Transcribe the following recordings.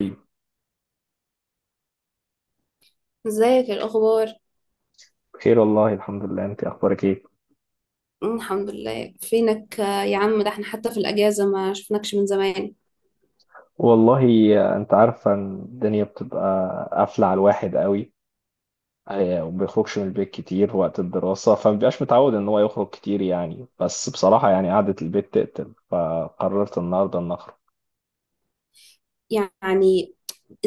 طيب، ازيك؟ ايه الاخبار؟ بخير والله الحمد لله، انت اخبارك ايه؟ الحمد لله. فينك؟ يا عم ده احنا حتى في الاجازه ما شفناكش من زمان. والله، انت عارفه ان الدنيا بتبقى قافله على الواحد قوي. وما بيخرجش من البيت كتير وقت الدراسه فما بيبقاش متعود ان هو يخرج كتير يعني، بس بصراحه يعني قعده البيت تقتل، فقررت النهارده ان اخرج. يعني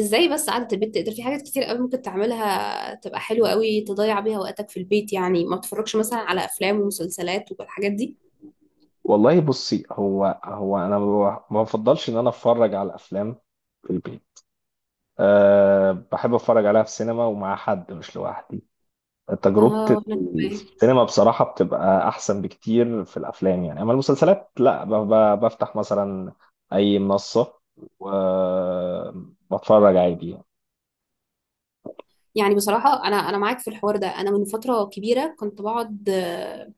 ازاي بس؟ قعدة البيت تقدر في حاجات كتير قوي ممكن تعملها، تبقى حلوه قوي تضيع بيها وقتك في البيت. يعني ما تتفرجش مثلا على افلام ومسلسلات والحاجات دي؟ والله بصي، هو انا ما بفضلش ان انا اتفرج على الافلام في البيت. بحب اتفرج عليها في السينما ومع حد مش لوحدي. تجربة اه. انا كمان. السينما بصراحة بتبقى أحسن بكتير في الأفلام، يعني أما المسلسلات لا، بفتح مثلا أي منصة وبتفرج عادي يعني. يعني بصراحه انا معاك في الحوار ده. انا من فتره كبيره كنت بقعد،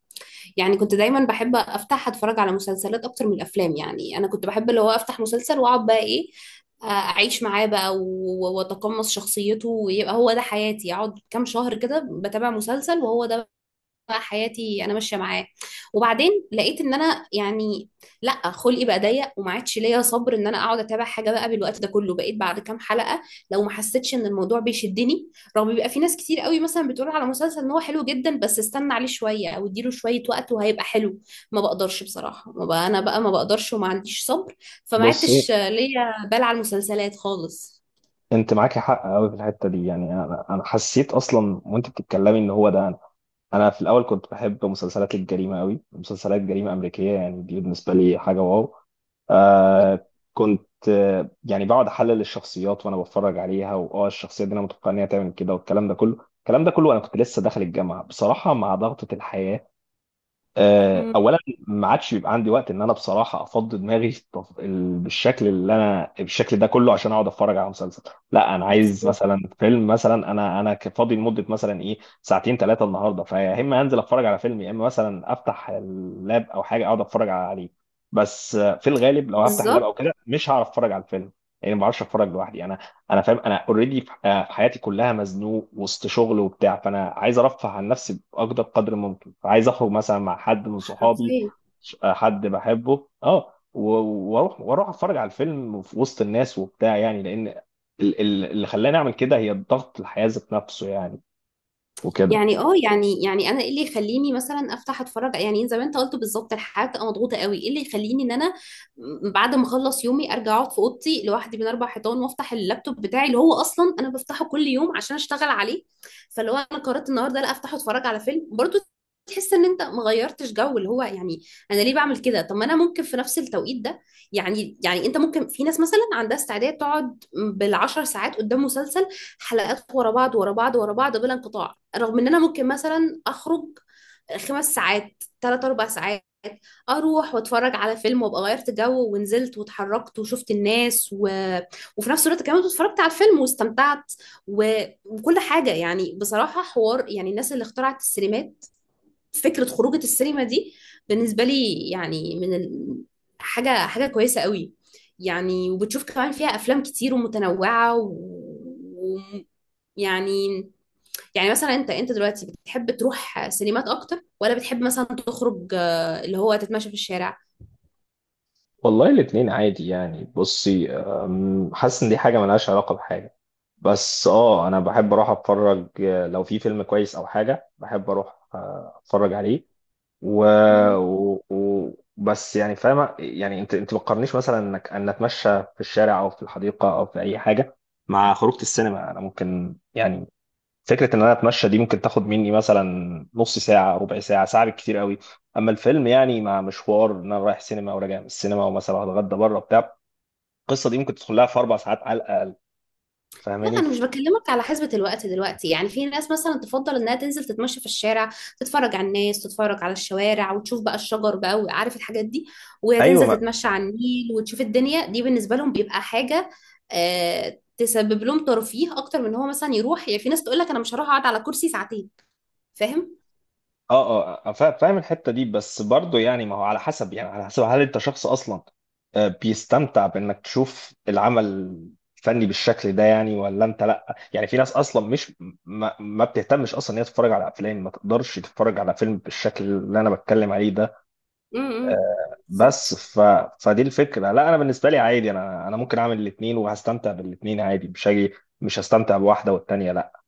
يعني كنت دايما بحب افتح اتفرج على مسلسلات اكتر من الافلام. يعني انا كنت بحب اللي هو افتح مسلسل واقعد بقى ايه، اعيش معاه بقى واتقمص شخصيته ويبقى هو ده حياتي، اقعد كام شهر كده بتابع مسلسل وهو ده حياتي انا ماشيه معاه. وبعدين لقيت ان انا يعني لا، خلقي بقى ضيق وما عادش ليا صبر ان انا اقعد اتابع حاجه بقى بالوقت ده كله. بقيت بعد كام حلقه لو ما حسيتش ان الموضوع بيشدني، رغم بيبقى في ناس كتير قوي مثلا بتقول على مسلسل ان هو حلو جدا بس استنى عليه شويه او اديله شويه وقت وهيبقى حلو. ما بقدرش بصراحه، ما بقى انا بقى ما بقدرش وما عنديش صبر. فما بصي، عدتش ليا بال على المسلسلات خالص. أنت معاكي حق أوي في الحتة دي، يعني أنا حسيت أصلا وأنت بتتكلمي إن هو ده أنا. أنا في الأول كنت بحب مسلسلات الجريمة أوي، مسلسلات جريمة أمريكية، يعني دي بالنسبة لي حاجة واو. م- آه كنت يعني بقعد احلل الشخصيات وانا بتفرج عليها، واه الشخصيه دي انا متوقع ان هي تعمل كده، والكلام ده كله، الكلام ده كله، انا كنت لسه داخل الجامعه بصراحه مع ضغطه الحياه. م- اولا ما عادش بيبقى عندي وقت ان انا بصراحه افضي دماغي بالشكل اللي انا، بالشكل ده كله، عشان اقعد اتفرج على مسلسل. لا، انا عايز بالظبط. مثلا فيلم، مثلا انا فاضي لمده مثلا ايه ساعتين 3 النهارده، فيا اما انزل اتفرج على فيلم، يا اما مثلا افتح اللاب او حاجه اقعد اتفرج عليه. بس في الغالب لو هفتح اللاب او بالظبط. كده مش هعرف اتفرج على الفيلم، يعني ما بعرفش اتفرج لوحدي انا. انا فاهم، انا اوريدي في حياتي كلها مزنوق وسط شغل وبتاع، فانا عايز ارفه عن نفسي باقدر قدر ممكن. عايز اخرج مثلا مع حد من صحابي، حرفيا. حد بحبه، واروح اتفرج على الفيلم في وسط الناس وبتاع، يعني لان اللي خلاني اعمل كده هي الضغط الحياة ذات نفسه يعني، وكده. يعني اه، يعني انا ايه اللي يخليني مثلا افتح اتفرج؟ يعني زي ما انت قلت بالظبط، الحياه بتبقى مضغوطه قوي. ايه اللي يخليني ان انا بعد ما اخلص يومي ارجع اقعد في اوضتي لوحدي بين اربع حيطان وافتح اللابتوب بتاعي اللي هو اصلا انا بفتحه كل يوم عشان اشتغل عليه؟ فلو انا قررت النهارده لا افتح اتفرج على فيلم برضو، تحس ان انت ما غيرتش جو. اللي هو يعني انا ليه بعمل كده؟ طب ما انا ممكن في نفس التوقيت ده يعني انت ممكن، في ناس مثلا عندها استعداد تقعد بالعشر ساعات قدام مسلسل، حلقات ورا بعض ورا بعض ورا بعض بلا انقطاع، رغم ان انا ممكن مثلا اخرج خمس ساعات، ثلاث اربع ساعات، اروح واتفرج على فيلم وابقى غيرت جو ونزلت واتحركت وشفت الناس وفي نفس الوقت كمان اتفرجت على الفيلم واستمتعت وكل حاجه. يعني بصراحه حوار، يعني الناس اللي اخترعت السينمات، فكرة خروجة السينما دي بالنسبة لي يعني حاجة حاجة كويسة قوي. يعني وبتشوف كمان فيها أفلام كتير ومتنوعة و... يعني يعني مثلا انت دلوقتي بتحب تروح سينمات اكتر، ولا بتحب مثلا تخرج اللي هو تتمشى في الشارع؟ والله الاتنين عادي يعني. بصي، حاسس ان دي حاجة ملهاش علاقة بحاجة، بس انا بحب اروح اتفرج، لو في فيلم كويس او حاجة بحب اروح اتفرج عليه. و، و، و، بس يعني فاهمة، يعني انت ما تقارنيش مثلا انك ان اتمشى في الشارع او في الحديقة او في اي حاجة مع خروجة السينما. انا ممكن يعني فكرة ان انا اتمشى دي ممكن تاخد مني مثلا نص ساعة، ربع ساعة، ساعة بالكتير قوي. اما الفيلم يعني مع مشوار ان انا رايح سينما وراجع من السينما، ومثلا هتغدى بره بتاع، القصة دي ممكن تدخل لها في 4 ساعات على الاقل. لا، فاهماني؟ انا مش بكلمك على حسبة الوقت دلوقتي. يعني في ناس مثلا تفضل انها تنزل تتمشى في الشارع، تتفرج على الناس، تتفرج على الشوارع وتشوف بقى الشجر بقى وعارف الحاجات دي، وهي تنزل ايوه. تتمشى على النيل وتشوف الدنيا دي. بالنسبة لهم بيبقى حاجة آه تسبب لهم ترفيه اكتر من هو مثلا يروح. يعني في ناس تقول لك انا مش هروح اقعد على كرسي ساعتين. فاهم. فاهم الحته دي، بس برضه يعني ما هو على حسب، يعني على حسب هل انت شخص اصلا بيستمتع بانك تشوف العمل الفني بالشكل ده يعني، ولا انت لا. يعني في ناس اصلا مش ما بتهتمش اصلا ان هي تتفرج على افلام، ما تقدرش تتفرج على فيلم بالشكل اللي انا بتكلم عليه ده. امم. بس ف فدي الفكره، لا انا بالنسبه لي عادي، انا ممكن اعمل الاثنين وهستمتع بالاثنين عادي، مش هاجي مش هستمتع بواحده والتانيه لا.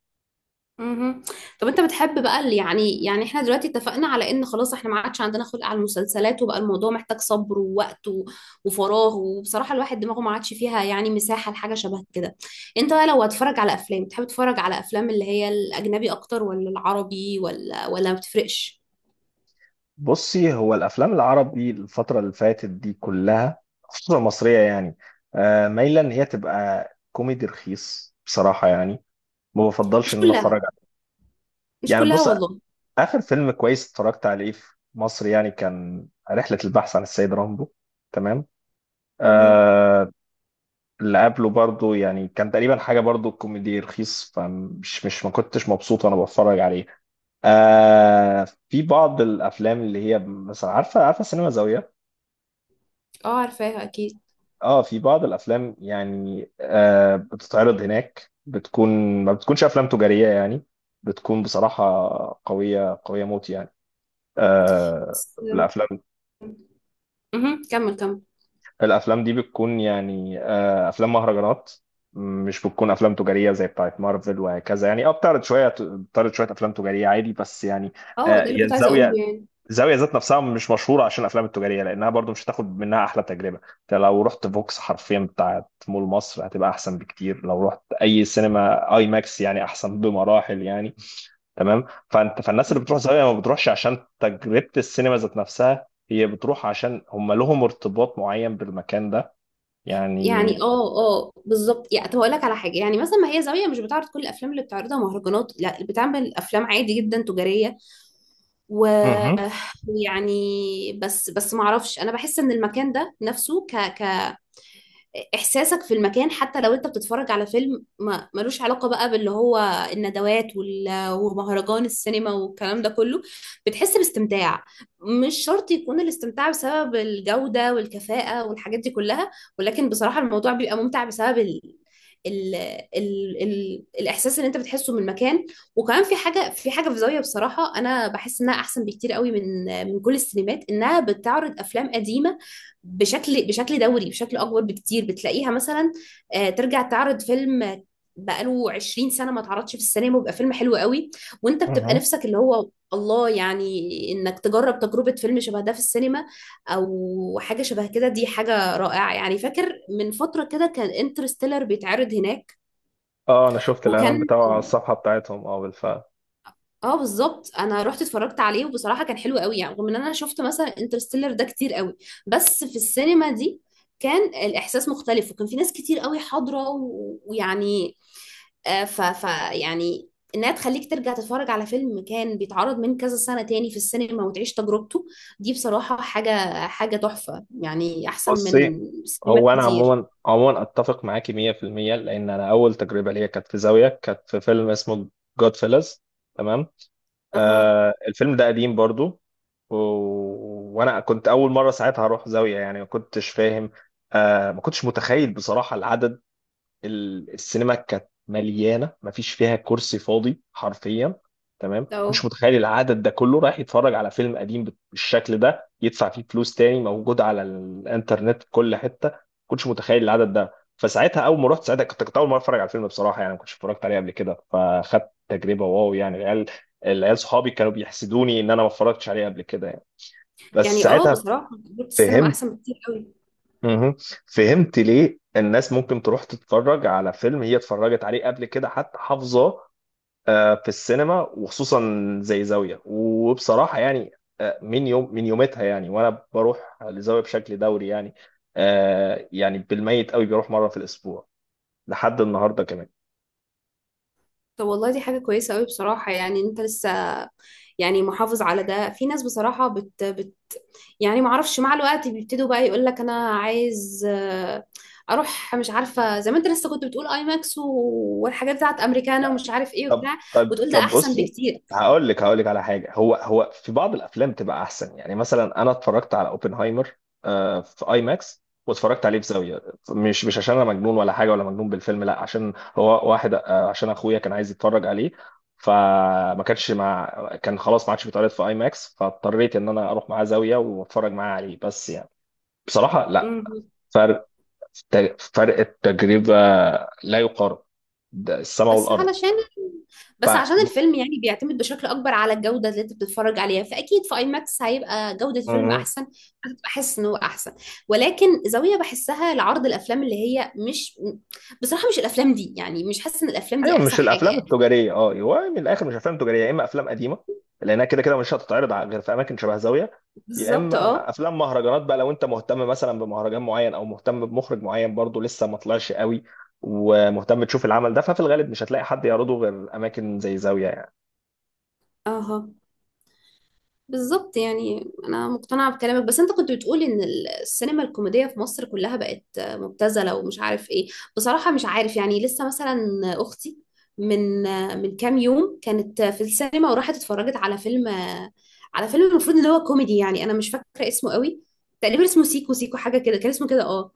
مهم. طب انت بتحب بقى اللي يعني، يعني احنا دلوقتي اتفقنا على ان خلاص احنا ما عادش عندنا خلق على المسلسلات وبقى الموضوع محتاج صبر ووقت وفراغ، وبصراحة الواحد دماغه ما عادش فيها يعني مساحة لحاجة شبه كده. انت بقى لو هتتفرج على افلام، تحب تتفرج على افلام اللي هي الاجنبي اكتر ولا العربي، ولا ما بتفرقش؟ بصي، هو الافلام العربي الفتره اللي فاتت دي كلها خصوصا المصريه يعني مايله ان هي تبقى كوميدي رخيص بصراحه، يعني ما بفضلش مش ان انا كلها. اتفرج عليه. مش يعني كلها بص، والله. اخر فيلم كويس اتفرجت عليه في مصر يعني كان رحله البحث عن السيد رامبو. تمام. مهم. آه اللي قبله برضو يعني كان تقريبا حاجه برضو كوميدي رخيص، فمش مش ما كنتش مبسوط وانا بتفرج عليه. في بعض الافلام اللي هي مثلا، عارفه سينما زاويه؟ اه، عارفاها اكيد. اه في بعض الافلام يعني بتتعرض هناك، بتكون، ما بتكونش افلام تجاريه يعني، بتكون بصراحه قويه قويه موت يعني. آه بس-. الافلام مهم. كمل كمل. الافلام دي بتكون يعني افلام مهرجانات، مش بتكون افلام تجاريه زي بتاعت مارفل وهكذا. يعني بتعرض شويه افلام تجاريه عادي، بس يعني اه ده اللي هي كنت عايزة اقوله الزاويه يعني. الزاويه ذات نفسها مش مشهوره عشان الافلام التجاريه، لانها برضو مش هتاخد منها احلى تجربه. انت لو رحت فوكس حرفيا بتاعت مول مصر هتبقى احسن بكتير، لو رحت اي سينما اي ماكس يعني احسن بمراحل يعني. تمام. فالناس اللي بتروح مهم. زاويه ما بتروحش عشان تجربه السينما ذات نفسها، هي بتروح عشان هم لهم ارتباط معين بالمكان ده يعني. يعني اه بالظبط. يعني طب هقول لك على حاجه، يعني مثلا ما هي زاويه مش بتعرض كل الافلام اللي بتعرضها مهرجانات، لا، بتعمل افلام عادي جدا تجاريه. مهم. ويعني بس ما اعرفش، انا بحس ان المكان ده نفسه ك ك احساسك في المكان حتى لو انت بتتفرج على فيلم ما ملوش علاقه بقى باللي هو الندوات ومهرجان السينما والكلام ده كله، بتحس باستمتاع. مش شرط يكون الاستمتاع بسبب الجوده والكفاءه والحاجات دي كلها، ولكن بصراحه الموضوع بيبقى ممتع بسبب ال... الاحساس اللي انت بتحسه من المكان. وكمان في حاجه، في زاويه بصراحه، انا بحس انها احسن بكتير قوي من من كل السينمات، انها بتعرض افلام قديمه بشكل دوري بشكل اكبر بكتير. بتلاقيها مثلا ترجع تعرض فيلم بقاله 20 سنه ما اتعرضش في السينما ويبقى فيلم حلو قوي، وانت بتبقى مهم. نفسك اللي هو الله، يعني انك تجرب تجربه فيلم شبه ده في السينما او حاجه شبه كده. دي حاجه رائعه يعني. فاكر من فتره كده كان انترستيلر بيتعرض هناك، اه، انا شفت الاعلان وكان بتاعه على الصفحه بتاعتهم، اه بالفعل. اه بالظبط، انا رحت اتفرجت عليه وبصراحه كان حلو قوي. يعني رغم ان انا شفت مثلا انترستيلر ده كتير قوي، بس في السينما دي كان الاحساس مختلف وكان في ناس كتير قوي حاضره ويعني آه، ف ف يعني انها تخليك ترجع تتفرج على فيلم كان بيتعرض من كذا سنه تاني في السينما وتعيش تجربته، دي بصراحه حاجه تحفه، يعني احسن من بصي، سينمات هو انا كتير. عموما، عموما اتفق معاكي 100%، لان انا اول تجربه ليا كانت في زاويه، كانت في فيلم اسمه جود فيلز. تمام. اها. الفيلم ده قديم برضو. و... وانا كنت اول مره ساعتها اروح زاويه يعني، ما كنتش فاهم. ما كنتش متخيل بصراحه العدد. السينما كانت مليانه، مفيش فيها كرسي فاضي حرفيا. تمام. كنتش لو. متخيل العدد ده كله رايح يتفرج على فيلم قديم بالشكل ده، يدفع فيه فلوس تاني، موجود على الانترنت في كل حته. كنتش متخيل العدد ده. فساعتها اول ما رحت ساعتها كنت اول مره اتفرج على الفيلم بصراحه يعني، ما كنتش اتفرجت عليه قبل كده، فاخدت تجربه واو يعني. العيال صحابي كانوا بيحسدوني ان انا ما اتفرجتش عليه قبل كده يعني. بس يعني اه ساعتها بصراحه تجربه السينما فهمت. احسن بكتير قوي. مهم. فهمت ليه الناس ممكن تروح تتفرج على فيلم هي اتفرجت عليه قبل كده حتى حافظاه، في السينما وخصوصا زي زاوية، وبصراحة يعني من يومتها يعني وانا بروح لزاوية بشكل دوري يعني. يعني بالميت قوي بيروح مرة في الاسبوع لحد النهاردة كمان. طب والله دي حاجة كويسة أوي بصراحة. يعني أنت يعني محافظ على ده. في ناس بصراحة بت, بت يعني معرفش، مع الوقت بيبتدوا بقى يقول لك أنا عايز، أروح مش عارفة، زي ما أنت لسه كنت بتقول أي ماكس والحاجات بتاعت أمريكانا ومش عارف إيه طب، وبتاع، طب، وتقول ده طب، أحسن بصي، بكتير. هقول لك على حاجه. هو في بعض الافلام تبقى احسن، يعني مثلا انا اتفرجت على اوبنهايمر في اي ماكس واتفرجت عليه في زاويه. مش عشان انا مجنون ولا حاجه، ولا مجنون بالفيلم لا، عشان هو واحد عشان اخويا كان عايز يتفرج عليه، فما كانش مع. كان خلاص ما عادش بيتعرض في اي ماكس، فاضطريت ان انا اروح معاه زاويه واتفرج معاه عليه. بس يعني بصراحه، لا مم. فرق. فرق التجربه لا يقارن، ده السماء بس والارض. علشان، ف بس عشان الفيلم يعني بيعتمد بشكل اكبر على الجوده اللي انت بتتفرج عليها، فاكيد في اي ماكس هيبقى جوده الفيلم احسن، بحس ان هو احسن. ولكن زاويه بحسها لعرض الافلام اللي هي مش، بصراحه مش الافلام دي، يعني مش حاسه ان الافلام دي ايوه، احسن مش حاجه الافلام يعني. التجاريه. اه، هو من الاخر مش افلام تجاريه، يا اما افلام قديمه لانها كده كده مش هتتعرض غير في اماكن شبه زاويه، يا بالظبط اما اه. افلام مهرجانات. بقى لو انت مهتم مثلا بمهرجان معين او مهتم بمخرج معين برضه لسه ما طلعش قوي، ومهتم تشوف العمل ده، ففي الغالب مش هتلاقي حد يعرضه غير اماكن زي زاويه يعني. اها بالظبط. يعني انا مقتنعه بكلامك، بس انت كنت بتقول ان السينما الكوميديه في مصر كلها بقت مبتذله ومش عارف ايه. بصراحه مش عارف، يعني لسه مثلا اختي من من كام يوم كانت في السينما وراحت اتفرجت على فيلم، على فيلم المفروض ان هو كوميدي، يعني انا مش فاكره اسمه قوي. تقريبا اسمه سيكو سيكو حاجه كده، كان اسمه كده اه.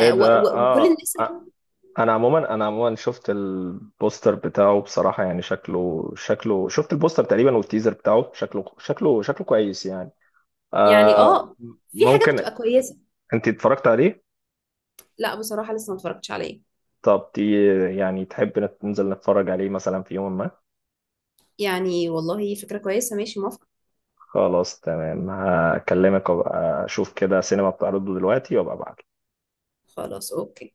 ايه ده؟ وكل اه، الناس آه. اللي انا عموما شفت البوستر بتاعه بصراحه يعني، شكله شفت البوستر تقريبا والتيزر بتاعه، شكله كويس يعني. يعني آه اه، في حاجات ممكن. بتبقى كويسه. انت اتفرجت عليه؟ لا بصراحه لسه ما اتفرجتش عليه. طب تي، يعني تحب ننزل نتفرج عليه مثلا في يوم ما؟ يعني والله فكره كويسه، ماشي، موافقه. خلاص تمام، هكلمك وابقى اشوف كده سينما بتعرضه دلوقتي وابقى ابعت. خلاص، اوكي.